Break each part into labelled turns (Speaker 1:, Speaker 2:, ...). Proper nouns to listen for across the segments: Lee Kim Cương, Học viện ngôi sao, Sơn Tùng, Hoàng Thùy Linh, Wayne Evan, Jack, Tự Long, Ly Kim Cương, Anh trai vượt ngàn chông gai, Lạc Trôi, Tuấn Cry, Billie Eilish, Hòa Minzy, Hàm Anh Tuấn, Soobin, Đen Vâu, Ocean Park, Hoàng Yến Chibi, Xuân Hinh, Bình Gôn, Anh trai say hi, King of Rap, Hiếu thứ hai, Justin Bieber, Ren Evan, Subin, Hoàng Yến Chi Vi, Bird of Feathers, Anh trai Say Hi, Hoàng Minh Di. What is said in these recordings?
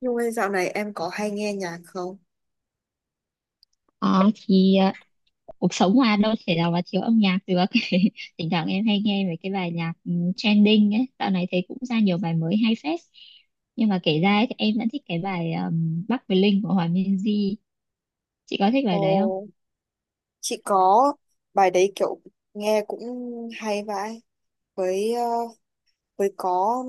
Speaker 1: Nhung ơi, dạo này em có hay nghe nhạc không?
Speaker 2: Ờ, thì ờ, cuộc sống mà đâu thể nào mà thiếu âm nhạc được thỉnh thoảng em hay nghe mấy cái bài nhạc trending ấy, dạo này thấy cũng ra nhiều bài mới hay phết. Nhưng mà kể ra ấy, thì em vẫn thích cái bài Bắc với Linh của Hòa Minzy. Chị có thích bài
Speaker 1: Ồ,
Speaker 2: đấy không?
Speaker 1: chị có, bài đấy kiểu nghe cũng hay vãi với ờ, với có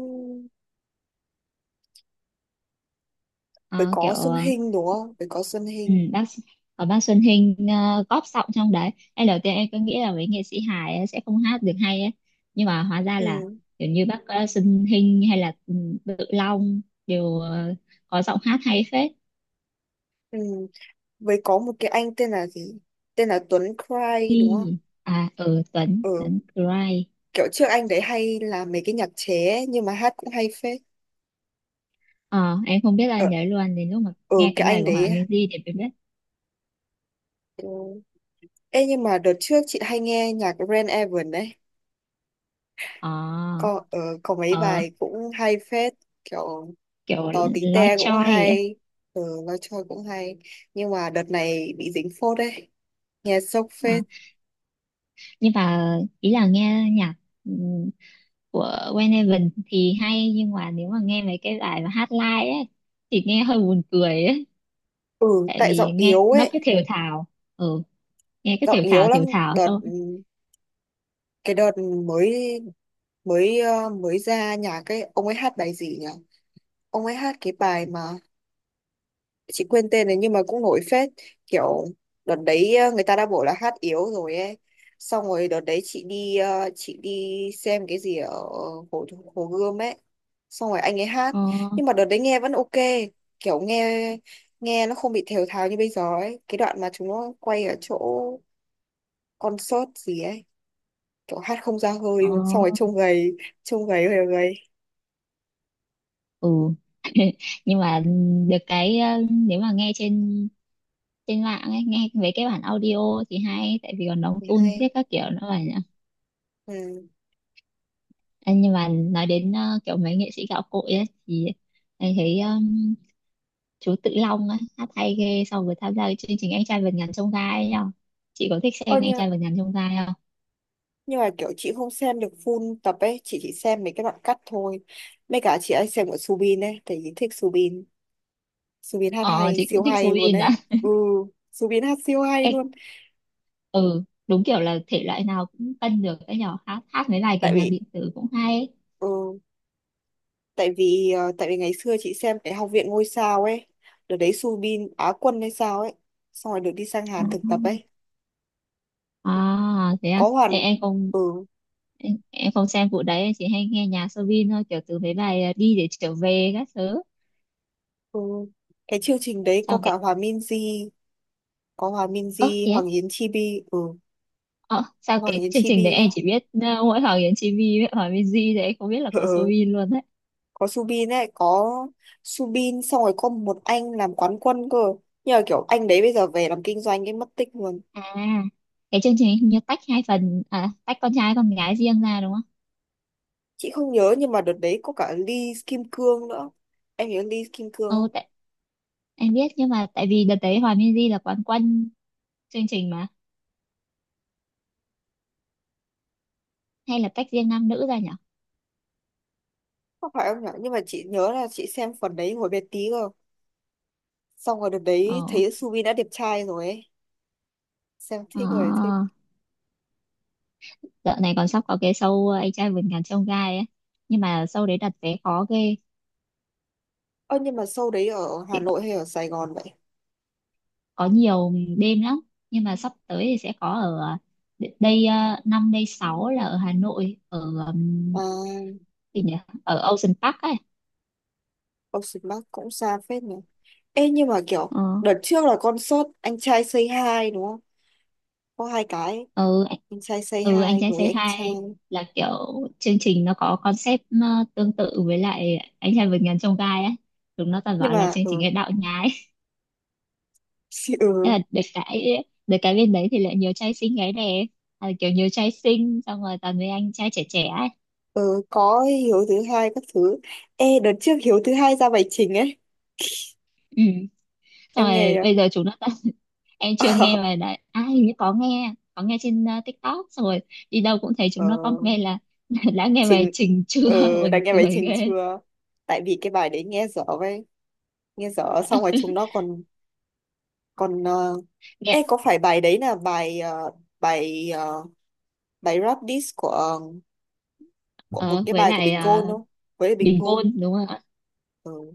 Speaker 1: với
Speaker 2: Ờ, kiểu
Speaker 1: có Xuân
Speaker 2: ờ,
Speaker 1: Hinh đúng không? Với có Xuân
Speaker 2: ừ,
Speaker 1: Hinh.
Speaker 2: bác, có bác Xuân Hinh góp giọng trong đấy. Ngay đầu tiên em cứ nghĩ là mấy nghệ sĩ hài ấy sẽ không hát được hay ấy, nhưng mà hóa ra là
Speaker 1: Ừ,
Speaker 2: kiểu như bác Xuân Hinh hay là Tự Long đều có giọng hát hay phết.
Speaker 1: ừ. Với có một cái anh tên là gì? Tên là Tuấn Cry đúng không?
Speaker 2: Quy, à ừ Tuấn
Speaker 1: Ừ,
Speaker 2: Tuấn Cry
Speaker 1: kiểu trước anh đấy hay làm mấy cái nhạc chế ấy, nhưng mà hát cũng hay phết.
Speaker 2: ờ em không biết, là
Speaker 1: Ờ,
Speaker 2: nhớ luôn đến lúc mà
Speaker 1: ừ,
Speaker 2: nghe
Speaker 1: cái
Speaker 2: cái bài
Speaker 1: anh
Speaker 2: của Hòa
Speaker 1: đấy.
Speaker 2: Minzy thì em biết.
Speaker 1: Ừ. Ê, nhưng mà đợt trước chị hay nghe nhạc Ren Evan đấy,
Speaker 2: Ờ,
Speaker 1: có mấy
Speaker 2: ờ
Speaker 1: bài cũng hay phết, kiểu
Speaker 2: kiểu
Speaker 1: tò tí
Speaker 2: nói
Speaker 1: te cũng
Speaker 2: choi ấy.
Speaker 1: hay, nói chơi cũng hay. Nhưng mà đợt này bị dính phốt đấy, nghe sốc
Speaker 2: Ờ,
Speaker 1: phết.
Speaker 2: nhưng mà ý là nghe nhạc ừm, của Wayne Evan thì hay, nhưng mà nếu mà nghe mấy cái bài mà hát live ấy thì nghe hơi buồn cười ấy,
Speaker 1: Ừ,
Speaker 2: tại
Speaker 1: tại
Speaker 2: vì
Speaker 1: giọng
Speaker 2: nghe
Speaker 1: yếu
Speaker 2: nó
Speaker 1: ấy,
Speaker 2: cứ thều thào. Ừ, nghe cứ
Speaker 1: giọng yếu lắm.
Speaker 2: thều thào
Speaker 1: đợt
Speaker 2: xong.
Speaker 1: cái đợt mới mới ờ, mới ra nhạc ấy, ông ấy hát bài gì nhỉ, ông ấy hát cái bài mà chị quên tên này, nhưng mà cũng nổi phết, kiểu đợt đấy người ta đã bảo là hát yếu rồi ấy. Xong rồi đợt đấy chị đi xem cái gì ở hồ hồ Gươm ấy, xong rồi anh ấy hát,
Speaker 2: Ờ
Speaker 1: nhưng mà đợt đấy nghe vẫn ok, kiểu nghe nghe nó không bị thều thào như bây giờ ấy, cái đoạn mà chúng nó quay ở chỗ concert gì ấy, kiểu hát không ra hơi
Speaker 2: ờ,
Speaker 1: luôn, xong rồi trông gầy, trông gầy, hơi gầy.
Speaker 2: ừ, nhưng mà được cái nếu mà nghe trên trên mạng ấy, nghe mấy cái bản audio thì hay, tại vì còn đóng
Speaker 1: Thấy
Speaker 2: tune thế
Speaker 1: hay,
Speaker 2: các kiểu nữa mà nhỉ.
Speaker 1: ừ.
Speaker 2: Ê, nhưng mà nói đến kiểu mấy nghệ sĩ gạo cội ấy, thì anh thấy chú Tự Long ấy, hát hay ghê so với tham gia cái chương trình Anh trai vượt ngàn chông gai ấy nhở? Chị có thích
Speaker 1: Ôi
Speaker 2: xem Anh
Speaker 1: nhưng
Speaker 2: trai vượt ngàn chông gai không?
Speaker 1: nhưng mà kiểu chị không xem được full tập ấy, chị chỉ xem mấy cái đoạn cắt thôi, mấy cả chị ấy xem của Subin ấy, tại vì thích Subin. Subin hát
Speaker 2: Ờ,
Speaker 1: hay,
Speaker 2: chị
Speaker 1: siêu
Speaker 2: cũng thích
Speaker 1: hay luôn
Speaker 2: Soin à.
Speaker 1: đấy. Ừ, Subin hát siêu hay
Speaker 2: Ê,
Speaker 1: luôn.
Speaker 2: ừ, đúng kiểu là thể loại nào cũng cân được ấy nhở, hát hát mấy bài kiểu
Speaker 1: tại
Speaker 2: nhạc
Speaker 1: vì
Speaker 2: điện tử cũng hay ấy.
Speaker 1: ừ, tại vì ờ, tại vì ngày xưa chị xem cái Học viện ngôi sao ấy, đợt đấy Subin Á quân hay sao ấy, xong rồi được đi sang Hàn thực tập
Speaker 2: À,
Speaker 1: ấy,
Speaker 2: à thế à.
Speaker 1: có
Speaker 2: Ê,
Speaker 1: hoàn.
Speaker 2: em không,
Speaker 1: Ừ,
Speaker 2: em không xem vụ đấy, em chỉ hay nghe nhạc Soobin thôi, kiểu từ mấy bài đi để trở về các thứ.
Speaker 1: ừ. Cái chương trình đấy có
Speaker 2: Xong
Speaker 1: cả
Speaker 2: cái
Speaker 1: Hòa Minzy, có Hòa
Speaker 2: ơ
Speaker 1: Minzy,
Speaker 2: thế á.
Speaker 1: Hoàng Yến Chibi, ừ.
Speaker 2: Ờ, sao
Speaker 1: Hoàng
Speaker 2: cái
Speaker 1: Yến
Speaker 2: chương trình đấy
Speaker 1: Chibi nhá.
Speaker 2: em chỉ biết mỗi Hoàng Yến Chi Vi với Hoàng Minh Di, thì em không biết là có Soobin luôn đấy.
Speaker 1: Có Subin ấy, có Subin, xong rồi có một anh làm quán quân cơ, nhưng mà kiểu anh đấy bây giờ về làm kinh doanh ấy, mất tích luôn.
Speaker 2: À, cái chương trình hình như tách hai phần, à tách con trai con gái riêng ra đúng không?
Speaker 1: Chị không nhớ, nhưng mà đợt đấy có cả Lee Kim Cương nữa, em nhớ Lee Kim Cương
Speaker 2: Ừ,
Speaker 1: không?
Speaker 2: tại, em biết, nhưng mà tại vì đợt đấy hòa Minh là quán quân chương trình mà. Hay là tách riêng nam nữ ra nhỉ?
Speaker 1: Không phải em nhở, nhưng mà chị nhớ là chị xem phần đấy hồi bé tí cơ, xong rồi đợt đấy
Speaker 2: Ờ.
Speaker 1: thấy Subin đã đẹp trai rồi ấy, xem
Speaker 2: Ờ,
Speaker 1: thích rồi thích.
Speaker 2: dạo này còn sắp có cái show anh trai vượt ngàn chông gai ấy, nhưng mà show đấy đặt vé khó ghê.
Speaker 1: Ơ, nhưng mà show đấy ở Hà
Speaker 2: Chị
Speaker 1: Nội hay ở Sài Gòn vậy?
Speaker 2: có nhiều đêm lắm, nhưng mà sắp tới thì sẽ có ở đây năm đây sáu là ở Hà Nội, ở ừm,
Speaker 1: À,
Speaker 2: gì nhỉ, ở Ocean Park ấy.
Speaker 1: Ocean Park cũng xa phết nhỉ. Ê, nhưng mà kiểu
Speaker 2: Ờ.
Speaker 1: đợt trước là concert anh trai Say Hi đúng không, có hai cái,
Speaker 2: ừ, anh-
Speaker 1: anh trai say
Speaker 2: ừ, anh
Speaker 1: hi
Speaker 2: trai
Speaker 1: với
Speaker 2: say
Speaker 1: anh trai,
Speaker 2: hi là kiểu chương trình nó có concept tương tự với lại anh trai vượt ngàn chông gai ấy. Chúng nó toàn
Speaker 1: nhưng
Speaker 2: bảo là
Speaker 1: mà
Speaker 2: chương trình cái đạo nhái.
Speaker 1: xì-
Speaker 2: Thế
Speaker 1: ừ,
Speaker 2: là được cái bên đấy thì lại nhiều trai xinh gái đẹp, à, kiểu nhiều trai xinh, xong rồi toàn với anh trai trẻ trẻ ấy.
Speaker 1: ừ có Hiếu thứ hai các thứ. Ê, đợt trước Hiếu thứ hai ra bài trình ấy,
Speaker 2: Ừ. Xong
Speaker 1: em nghe
Speaker 2: rồi
Speaker 1: chưa?
Speaker 2: bây giờ chúng nó, em chưa nghe
Speaker 1: ờ,
Speaker 2: mà đã à, hình như có nghe, có nghe trên TikTok, xong rồi đi đâu cũng thấy
Speaker 1: ờ,
Speaker 2: chúng nó comment là đã nghe bài
Speaker 1: trình
Speaker 2: Trình chưa,
Speaker 1: ờ Đã
Speaker 2: buồn
Speaker 1: nghe bài
Speaker 2: cười
Speaker 1: trình
Speaker 2: ghê.
Speaker 1: chưa? Tại vì cái bài đấy nghe dở vậy, nghe dở, xong rồi chúng nó còn còn ờ, ê,
Speaker 2: Nghe
Speaker 1: có phải bài đấy là bài ờ, bài rap diss của của một
Speaker 2: ờ,
Speaker 1: cái
Speaker 2: với
Speaker 1: bài của
Speaker 2: lại
Speaker 1: Bình Gôn
Speaker 2: ờ,
Speaker 1: không, với Bình
Speaker 2: Bình
Speaker 1: Gôn.
Speaker 2: Gôn đúng không ạ?
Speaker 1: Ừ.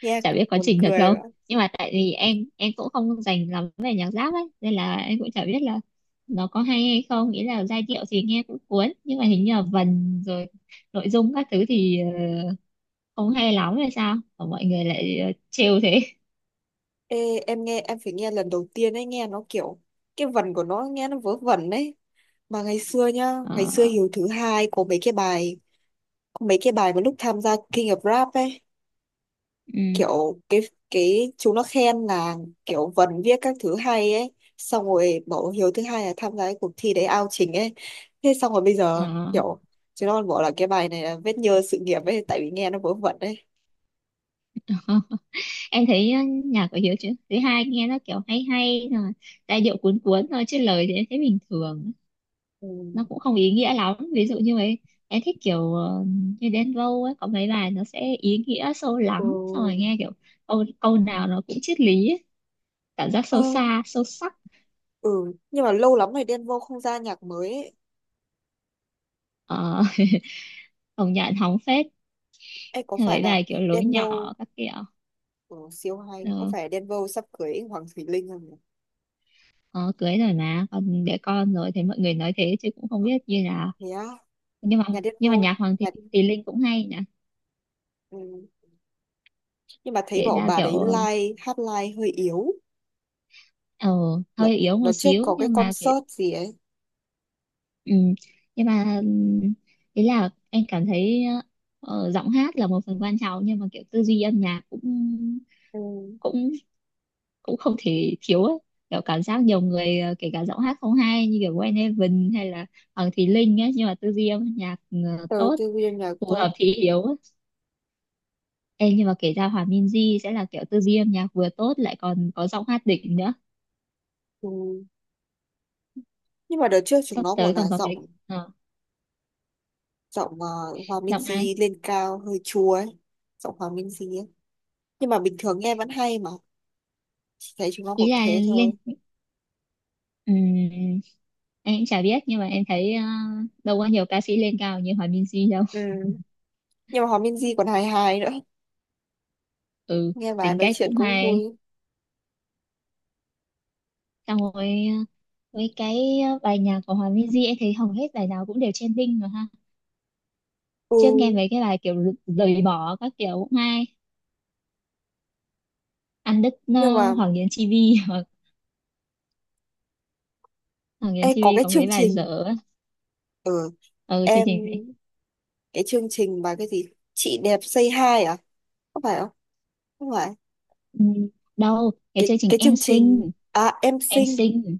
Speaker 1: Nghe
Speaker 2: Chả biết có
Speaker 1: buồn
Speaker 2: Trình thật
Speaker 1: cười.
Speaker 2: không, nhưng mà tại vì em cũng không dành lắm về nhạc rap ấy, nên là em cũng chả biết là nó có hay hay không. Nghĩa là giai điệu thì nghe cũng cuốn, nhưng mà hình như là vần rồi nội dung các thứ thì không hay lắm hay sao mà mọi người lại trêu thế.
Speaker 1: Ê, em nghe em phải nghe lần đầu tiên ấy, nghe nó kiểu cái vần của nó nghe nó vớ vẩn đấy, mà ngày xưa nhá, ngày xưa
Speaker 2: Ờ,
Speaker 1: Hiếu thứ hai có mấy cái bài mà lúc tham gia King of Rap ấy,
Speaker 2: ừ,
Speaker 1: kiểu cái chúng nó khen là kiểu vần viết các thứ hay ấy, xong rồi bảo Hiếu thứ hai là tham gia cái cuộc thi đấy ao trình ấy, thế xong rồi bây giờ
Speaker 2: ờ.
Speaker 1: kiểu chúng nó còn bảo là cái bài này là vết nhơ sự nghiệp ấy, tại vì nghe nó vớ vẩn ấy.
Speaker 2: Em thấy nhạc của Hiếu thứ hai nghe nó kiểu hay hay rồi, giai điệu cuốn cuốn thôi, chứ lời thì em thấy bình thường.
Speaker 1: Ừ.
Speaker 2: Nó cũng không ý nghĩa lắm, ví dụ như ấy em thích kiểu như Đen Vâu ấy, có mấy bài nó sẽ ý nghĩa sâu
Speaker 1: Ừ.
Speaker 2: lắng, xong rồi nghe kiểu câu câu nào nó cũng triết lý ấy. Cảm giác
Speaker 1: Ờ,
Speaker 2: sâu xa sâu sắc.
Speaker 1: ừ, nhưng mà lâu lắm rồi Đen Vâu không ra nhạc mới ấy.
Speaker 2: Ờ, công nhận hóng phết.
Speaker 1: Ê, có
Speaker 2: Hay
Speaker 1: phải
Speaker 2: mấy
Speaker 1: là
Speaker 2: bài kiểu lối
Speaker 1: Denver
Speaker 2: nhỏ các kiểu.
Speaker 1: của siêu hay,
Speaker 2: Ờ,
Speaker 1: có phải Denver sắp cưới Hoàng Thùy Linh không nhỉ?
Speaker 2: ờ, cưới rồi mà còn để con rồi thì mọi người nói thế, chứ cũng không biết như nào.
Speaker 1: Thế á?
Speaker 2: Nhưng mà
Speaker 1: Nhà
Speaker 2: nhưng
Speaker 1: Denver,
Speaker 2: mà nhạc Hoàng
Speaker 1: nhà...
Speaker 2: Thùy Linh cũng hay nhỉ.
Speaker 1: Ừ, nhưng mà thấy
Speaker 2: Kể
Speaker 1: bảo
Speaker 2: ra
Speaker 1: bà đấy
Speaker 2: kiểu
Speaker 1: live, hát live hơi yếu.
Speaker 2: ờ,
Speaker 1: đợt
Speaker 2: hơi yếu một
Speaker 1: đợt trước
Speaker 2: xíu,
Speaker 1: có cái
Speaker 2: nhưng mà kể,
Speaker 1: concert gì ấy,
Speaker 2: ừ, nhưng mà ý là em cảm thấy giọng hát là một phần quan trọng, nhưng mà kiểu tư duy âm nhạc cũng
Speaker 1: ừ.
Speaker 2: cũng cũng không thể thiếu ấy. Kiểu cảm giác nhiều người kể cả giọng hát không hay như kiểu Wayne Heaven hay là Hoàng Thùy Linh ấy, nhưng mà tư duy âm nhạc
Speaker 1: Tớ
Speaker 2: tốt,
Speaker 1: tư viên nhạc
Speaker 2: phù
Speaker 1: tốt,
Speaker 2: hợp thì yếu ấy. Em nhưng mà kể ra Hòa Minzy sẽ là kiểu tư duy âm nhạc vừa tốt lại còn có giọng hát đỉnh nữa.
Speaker 1: ừ. Nhưng mà đợt trước chúng
Speaker 2: Sắp
Speaker 1: nó bảo
Speaker 2: tới
Speaker 1: là
Speaker 2: còn có cái
Speaker 1: giọng
Speaker 2: ờ,
Speaker 1: giọng Hòa
Speaker 2: giọng ai?
Speaker 1: Minzy lên cao hơi chua ấy, giọng Hòa Minzy ấy, nhưng mà bình thường nghe vẫn hay mà, chỉ thấy chúng nó
Speaker 2: Ý
Speaker 1: bảo
Speaker 2: là
Speaker 1: thế thôi.
Speaker 2: ừm, em cũng chả biết, nhưng mà em thấy đâu có nhiều ca sĩ lên cao như Hòa Minzy đâu.
Speaker 1: Ừ. Nhưng mà Hòa Minzy còn hài hài nữa,
Speaker 2: Ừ,
Speaker 1: nghe bà
Speaker 2: tính
Speaker 1: nói
Speaker 2: cách
Speaker 1: chuyện
Speaker 2: cũng
Speaker 1: cũng
Speaker 2: hay.
Speaker 1: vui.
Speaker 2: Xong rồi với cái bài nhạc của Hòa Minzy em thấy hầu hết bài nào cũng đều trending mà ha. Trước nghe
Speaker 1: Ừ,
Speaker 2: mấy cái bài kiểu rời bỏ các kiểu cũng hay, ăn đứt
Speaker 1: nhưng mà,
Speaker 2: Hoàng Yến Chi Vi. Hoặc Hoàng Yến
Speaker 1: ê,
Speaker 2: Chi
Speaker 1: có
Speaker 2: Vi
Speaker 1: cái
Speaker 2: có
Speaker 1: chương
Speaker 2: mấy bài
Speaker 1: trình
Speaker 2: dở.
Speaker 1: ở
Speaker 2: Ở chương
Speaker 1: em,
Speaker 2: trình gì?
Speaker 1: cái chương trình mà cái gì, chị đẹp say hi à, có phải không? Không phải.
Speaker 2: Ừm, đâu cái
Speaker 1: cái
Speaker 2: chương trình
Speaker 1: cái
Speaker 2: Em
Speaker 1: chương trình,
Speaker 2: Xinh.
Speaker 1: à, em
Speaker 2: Em
Speaker 1: xinh,
Speaker 2: xinh,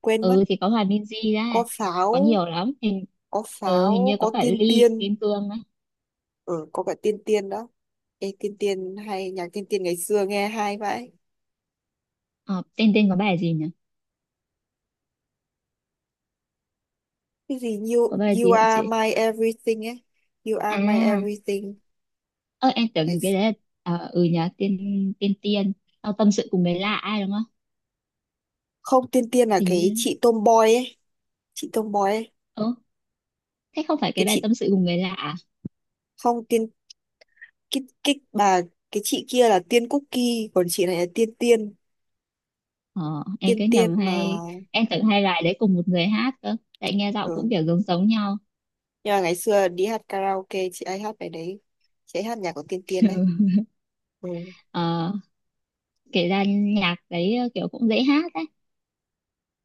Speaker 1: quên mất.
Speaker 2: ừ thì có hòa Minzy ra,
Speaker 1: có
Speaker 2: có
Speaker 1: pháo
Speaker 2: nhiều lắm, hình,
Speaker 1: có
Speaker 2: ừ, hình
Speaker 1: pháo
Speaker 2: như có
Speaker 1: có
Speaker 2: cả
Speaker 1: tiên
Speaker 2: Ly
Speaker 1: tiên.
Speaker 2: Kim Cương á.
Speaker 1: Có cả tiên tiên đó. Ê, tiên tiên hay, nhạc tiên tiên ngày xưa nghe hay vậy.
Speaker 2: Ờ, tên tên có bài gì nhỉ?
Speaker 1: Cái gì,
Speaker 2: Có
Speaker 1: you
Speaker 2: bài
Speaker 1: you
Speaker 2: gì vậy
Speaker 1: are
Speaker 2: chị?
Speaker 1: my everything ấy, you are my
Speaker 2: À,
Speaker 1: everything.
Speaker 2: ơ em
Speaker 1: Ngày
Speaker 2: tưởng cái
Speaker 1: x-
Speaker 2: đấy là, à, ừ nhỉ, tên tên tiên. Ờ, tâm sự cùng người lạ ai đúng không?
Speaker 1: Không, tiên tiên là
Speaker 2: Hình
Speaker 1: cái
Speaker 2: như
Speaker 1: chị tomboy ấy, chị tomboy ấy,
Speaker 2: ừ, thế không phải
Speaker 1: cái
Speaker 2: cái bài
Speaker 1: chị,
Speaker 2: tâm sự cùng người lạ à?
Speaker 1: không tiên, cái bà, cái chị kia là tiên cookie, còn chị này là tiên tiên,
Speaker 2: Ờ, em
Speaker 1: tiên
Speaker 2: cứ
Speaker 1: tiên
Speaker 2: nhầm
Speaker 1: mà.
Speaker 2: hay, em tưởng hai bài đấy cùng một người hát cơ, tại nghe giọng cũng
Speaker 1: Ừ.
Speaker 2: kiểu giống giống nhau.
Speaker 1: Nhưng mà ngày xưa đi hát karaoke chị ấy hát bài đấy, chị ấy hát nhạc của tiên tiên đấy. Ừ.
Speaker 2: Ờ, kể ra nhạc đấy kiểu cũng dễ hát á.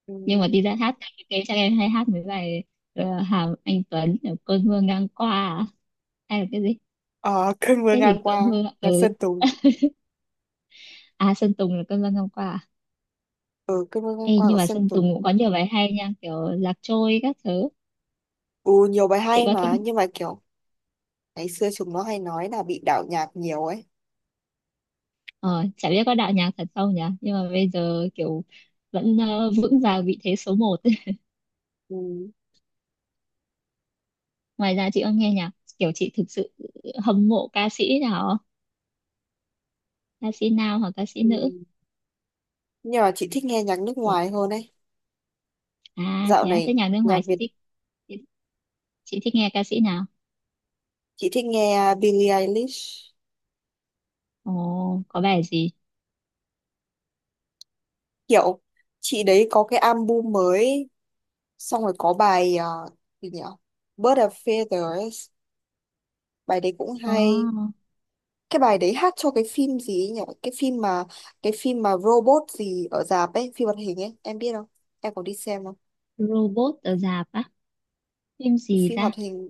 Speaker 1: Ừ.
Speaker 2: Nhưng mà đi ra hát cái chắc em hay hát mấy bài Hàm Anh Tuấn kiểu cơn mưa ngang qua à? Hay là cái gì,
Speaker 1: Ờ, cơn mưa
Speaker 2: cái
Speaker 1: ngang
Speaker 2: gì
Speaker 1: qua,
Speaker 2: cơn mưa,
Speaker 1: nhạc
Speaker 2: ừ.
Speaker 1: Sơn Tùng.
Speaker 2: À Sơn Tùng là cơn mưa ngang qua à?
Speaker 1: Ừ, cơn mưa
Speaker 2: Ê,
Speaker 1: ngang qua
Speaker 2: nhưng
Speaker 1: của
Speaker 2: mà
Speaker 1: Sơn
Speaker 2: Sơn
Speaker 1: Tùng.
Speaker 2: Tùng cũng có nhiều bài hay nha, kiểu Lạc Trôi các thứ.
Speaker 1: Ừ, nhiều bài
Speaker 2: Chị
Speaker 1: hay
Speaker 2: có thích?
Speaker 1: mà, nhưng mà kiểu ngày xưa chúng nó hay nói là bị đạo nhạc nhiều ấy.
Speaker 2: Ờ, chả biết có đạo nhạc thật không nhỉ, nhưng mà bây giờ kiểu vẫn vững vàng vị thế số một.
Speaker 1: Ừ.
Speaker 2: Ngoài ra chị có nghe nhạc kiểu chị thực sự hâm mộ ca sĩ nào không? Ca sĩ nào, hoặc ca sĩ
Speaker 1: Ừ.
Speaker 2: nữ?
Speaker 1: Nhưng mà chị thích nghe nhạc nước ngoài hơn ấy,
Speaker 2: À
Speaker 1: dạo
Speaker 2: thế á,
Speaker 1: này
Speaker 2: thế nhạc nước
Speaker 1: nhạc
Speaker 2: ngoài chị
Speaker 1: Việt,
Speaker 2: thích, chị, chị thích nghe ca sĩ nào?
Speaker 1: chị thích nghe Billie Eilish,
Speaker 2: Ồ, có bài gì?
Speaker 1: kiểu chị đấy có cái album mới, xong rồi có bài, à, gì nhỉ, Bird of Feathers, bài đấy cũng
Speaker 2: Ồ,
Speaker 1: hay. Cái bài đấy hát cho cái phim gì ấy nhỉ, cái phim mà robot gì ở rạp ấy, phim hoạt hình ấy, em biết không, em có đi xem không?
Speaker 2: robot ở rạp á? Phim
Speaker 1: cái
Speaker 2: gì
Speaker 1: phim
Speaker 2: ta?
Speaker 1: hoạt hình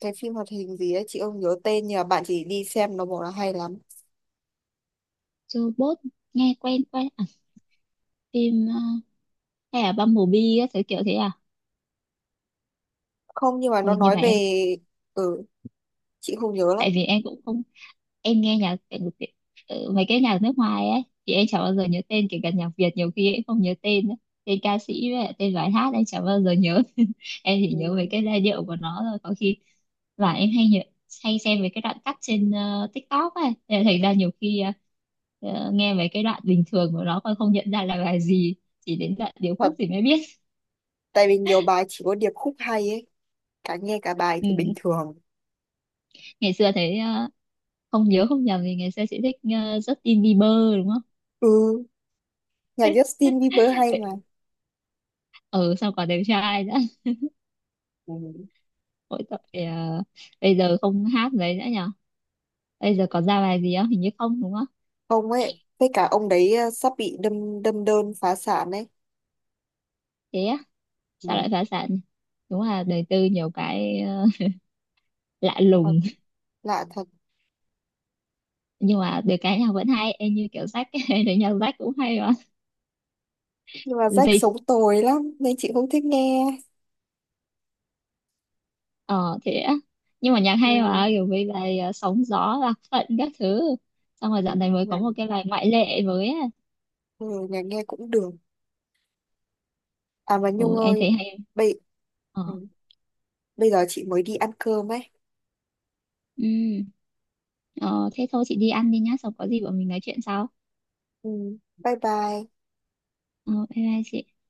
Speaker 1: cái phim hoạt hình gì ấy, chị không nhớ tên, nhưng mà bạn chỉ đi xem nó bảo là hay lắm.
Speaker 2: Robot, nghe quen quen à? Phim hay là Bumblebee á, kiểu kiểu thế à?
Speaker 1: Không, nhưng mà nó
Speaker 2: Ôi, nhưng
Speaker 1: nói
Speaker 2: mà
Speaker 1: về,
Speaker 2: em,
Speaker 1: ừ, chị không nhớ lắm.
Speaker 2: tại vì em cũng không, em nghe nhạc tại vì ừ, mấy cái nhạc nước ngoài ấy, thì em chả bao giờ nhớ tên, kể cả nhạc Việt nhiều khi em không nhớ tên ấy. Tên ca sĩ với lại tên bài hát em chả bao giờ nhớ. Em chỉ
Speaker 1: Ừ.
Speaker 2: nhớ mấy cái giai điệu của nó thôi, có khi và em hay xem về cái đoạn cắt trên TikTok ấy. Thế là thành ra nhiều khi nghe về cái đoạn bình thường của nó còn không nhận ra là bài gì, chỉ đến đoạn điệp
Speaker 1: Thật,
Speaker 2: khúc thì mới biết.
Speaker 1: tại vì nhiều bài chỉ có điệp khúc hay ấy, cả nghe cả bài
Speaker 2: Ừ.
Speaker 1: thì bình thường.
Speaker 2: Ngày xưa thấy không nhớ không nhầm thì ngày xưa chị thích Justin Bieber đúng không?
Speaker 1: Ừ. Nhạc Justin Bieber hay mà.
Speaker 2: Ừ, sao còn đẹp trai nữa.
Speaker 1: Ừ.
Speaker 2: Mỗi tội bây giờ không hát mấy nữa nhở, bây giờ còn ra bài gì không, hình như không đúng không?
Speaker 1: Ông ấy, với cả ông đấy sắp bị đâm đâm đơn phá sản ấy.
Speaker 2: Thế á, sao
Speaker 1: Ừ.
Speaker 2: lại phá sản? Đúng là đời tư nhiều cái lạ
Speaker 1: Thật,
Speaker 2: lùng.
Speaker 1: lạ thật.
Speaker 2: Nhưng mà được cái nhạc vẫn hay, em như kiểu Jack ấy, thì nhạc Jack cũng hay mà.
Speaker 1: Nhưng mà Jack
Speaker 2: Gì?
Speaker 1: sống tồi lắm nên chị không thích nghe.
Speaker 2: Ờ thế á. Nhưng mà nhạc
Speaker 1: Ừ.
Speaker 2: hay mà, kiểu với bài sóng gió lạc phận các thứ. Xong rồi dạo
Speaker 1: Ừ.
Speaker 2: này mới có
Speaker 1: Nhạc
Speaker 2: một cái bài ngoại lệ mới á.
Speaker 1: ừ, nhạc nghe cũng được. À, mà Nhung
Speaker 2: Ừ, em
Speaker 1: ơi,
Speaker 2: thấy hay.
Speaker 1: bây
Speaker 2: Ờ,
Speaker 1: ừ. bây giờ chị mới đi ăn cơm ấy.
Speaker 2: ừ, ờ thế thôi chị đi ăn đi nhá, xong có gì bọn mình nói chuyện sau.
Speaker 1: Ừ. Bye bye.
Speaker 2: Ờ, bye bye chị.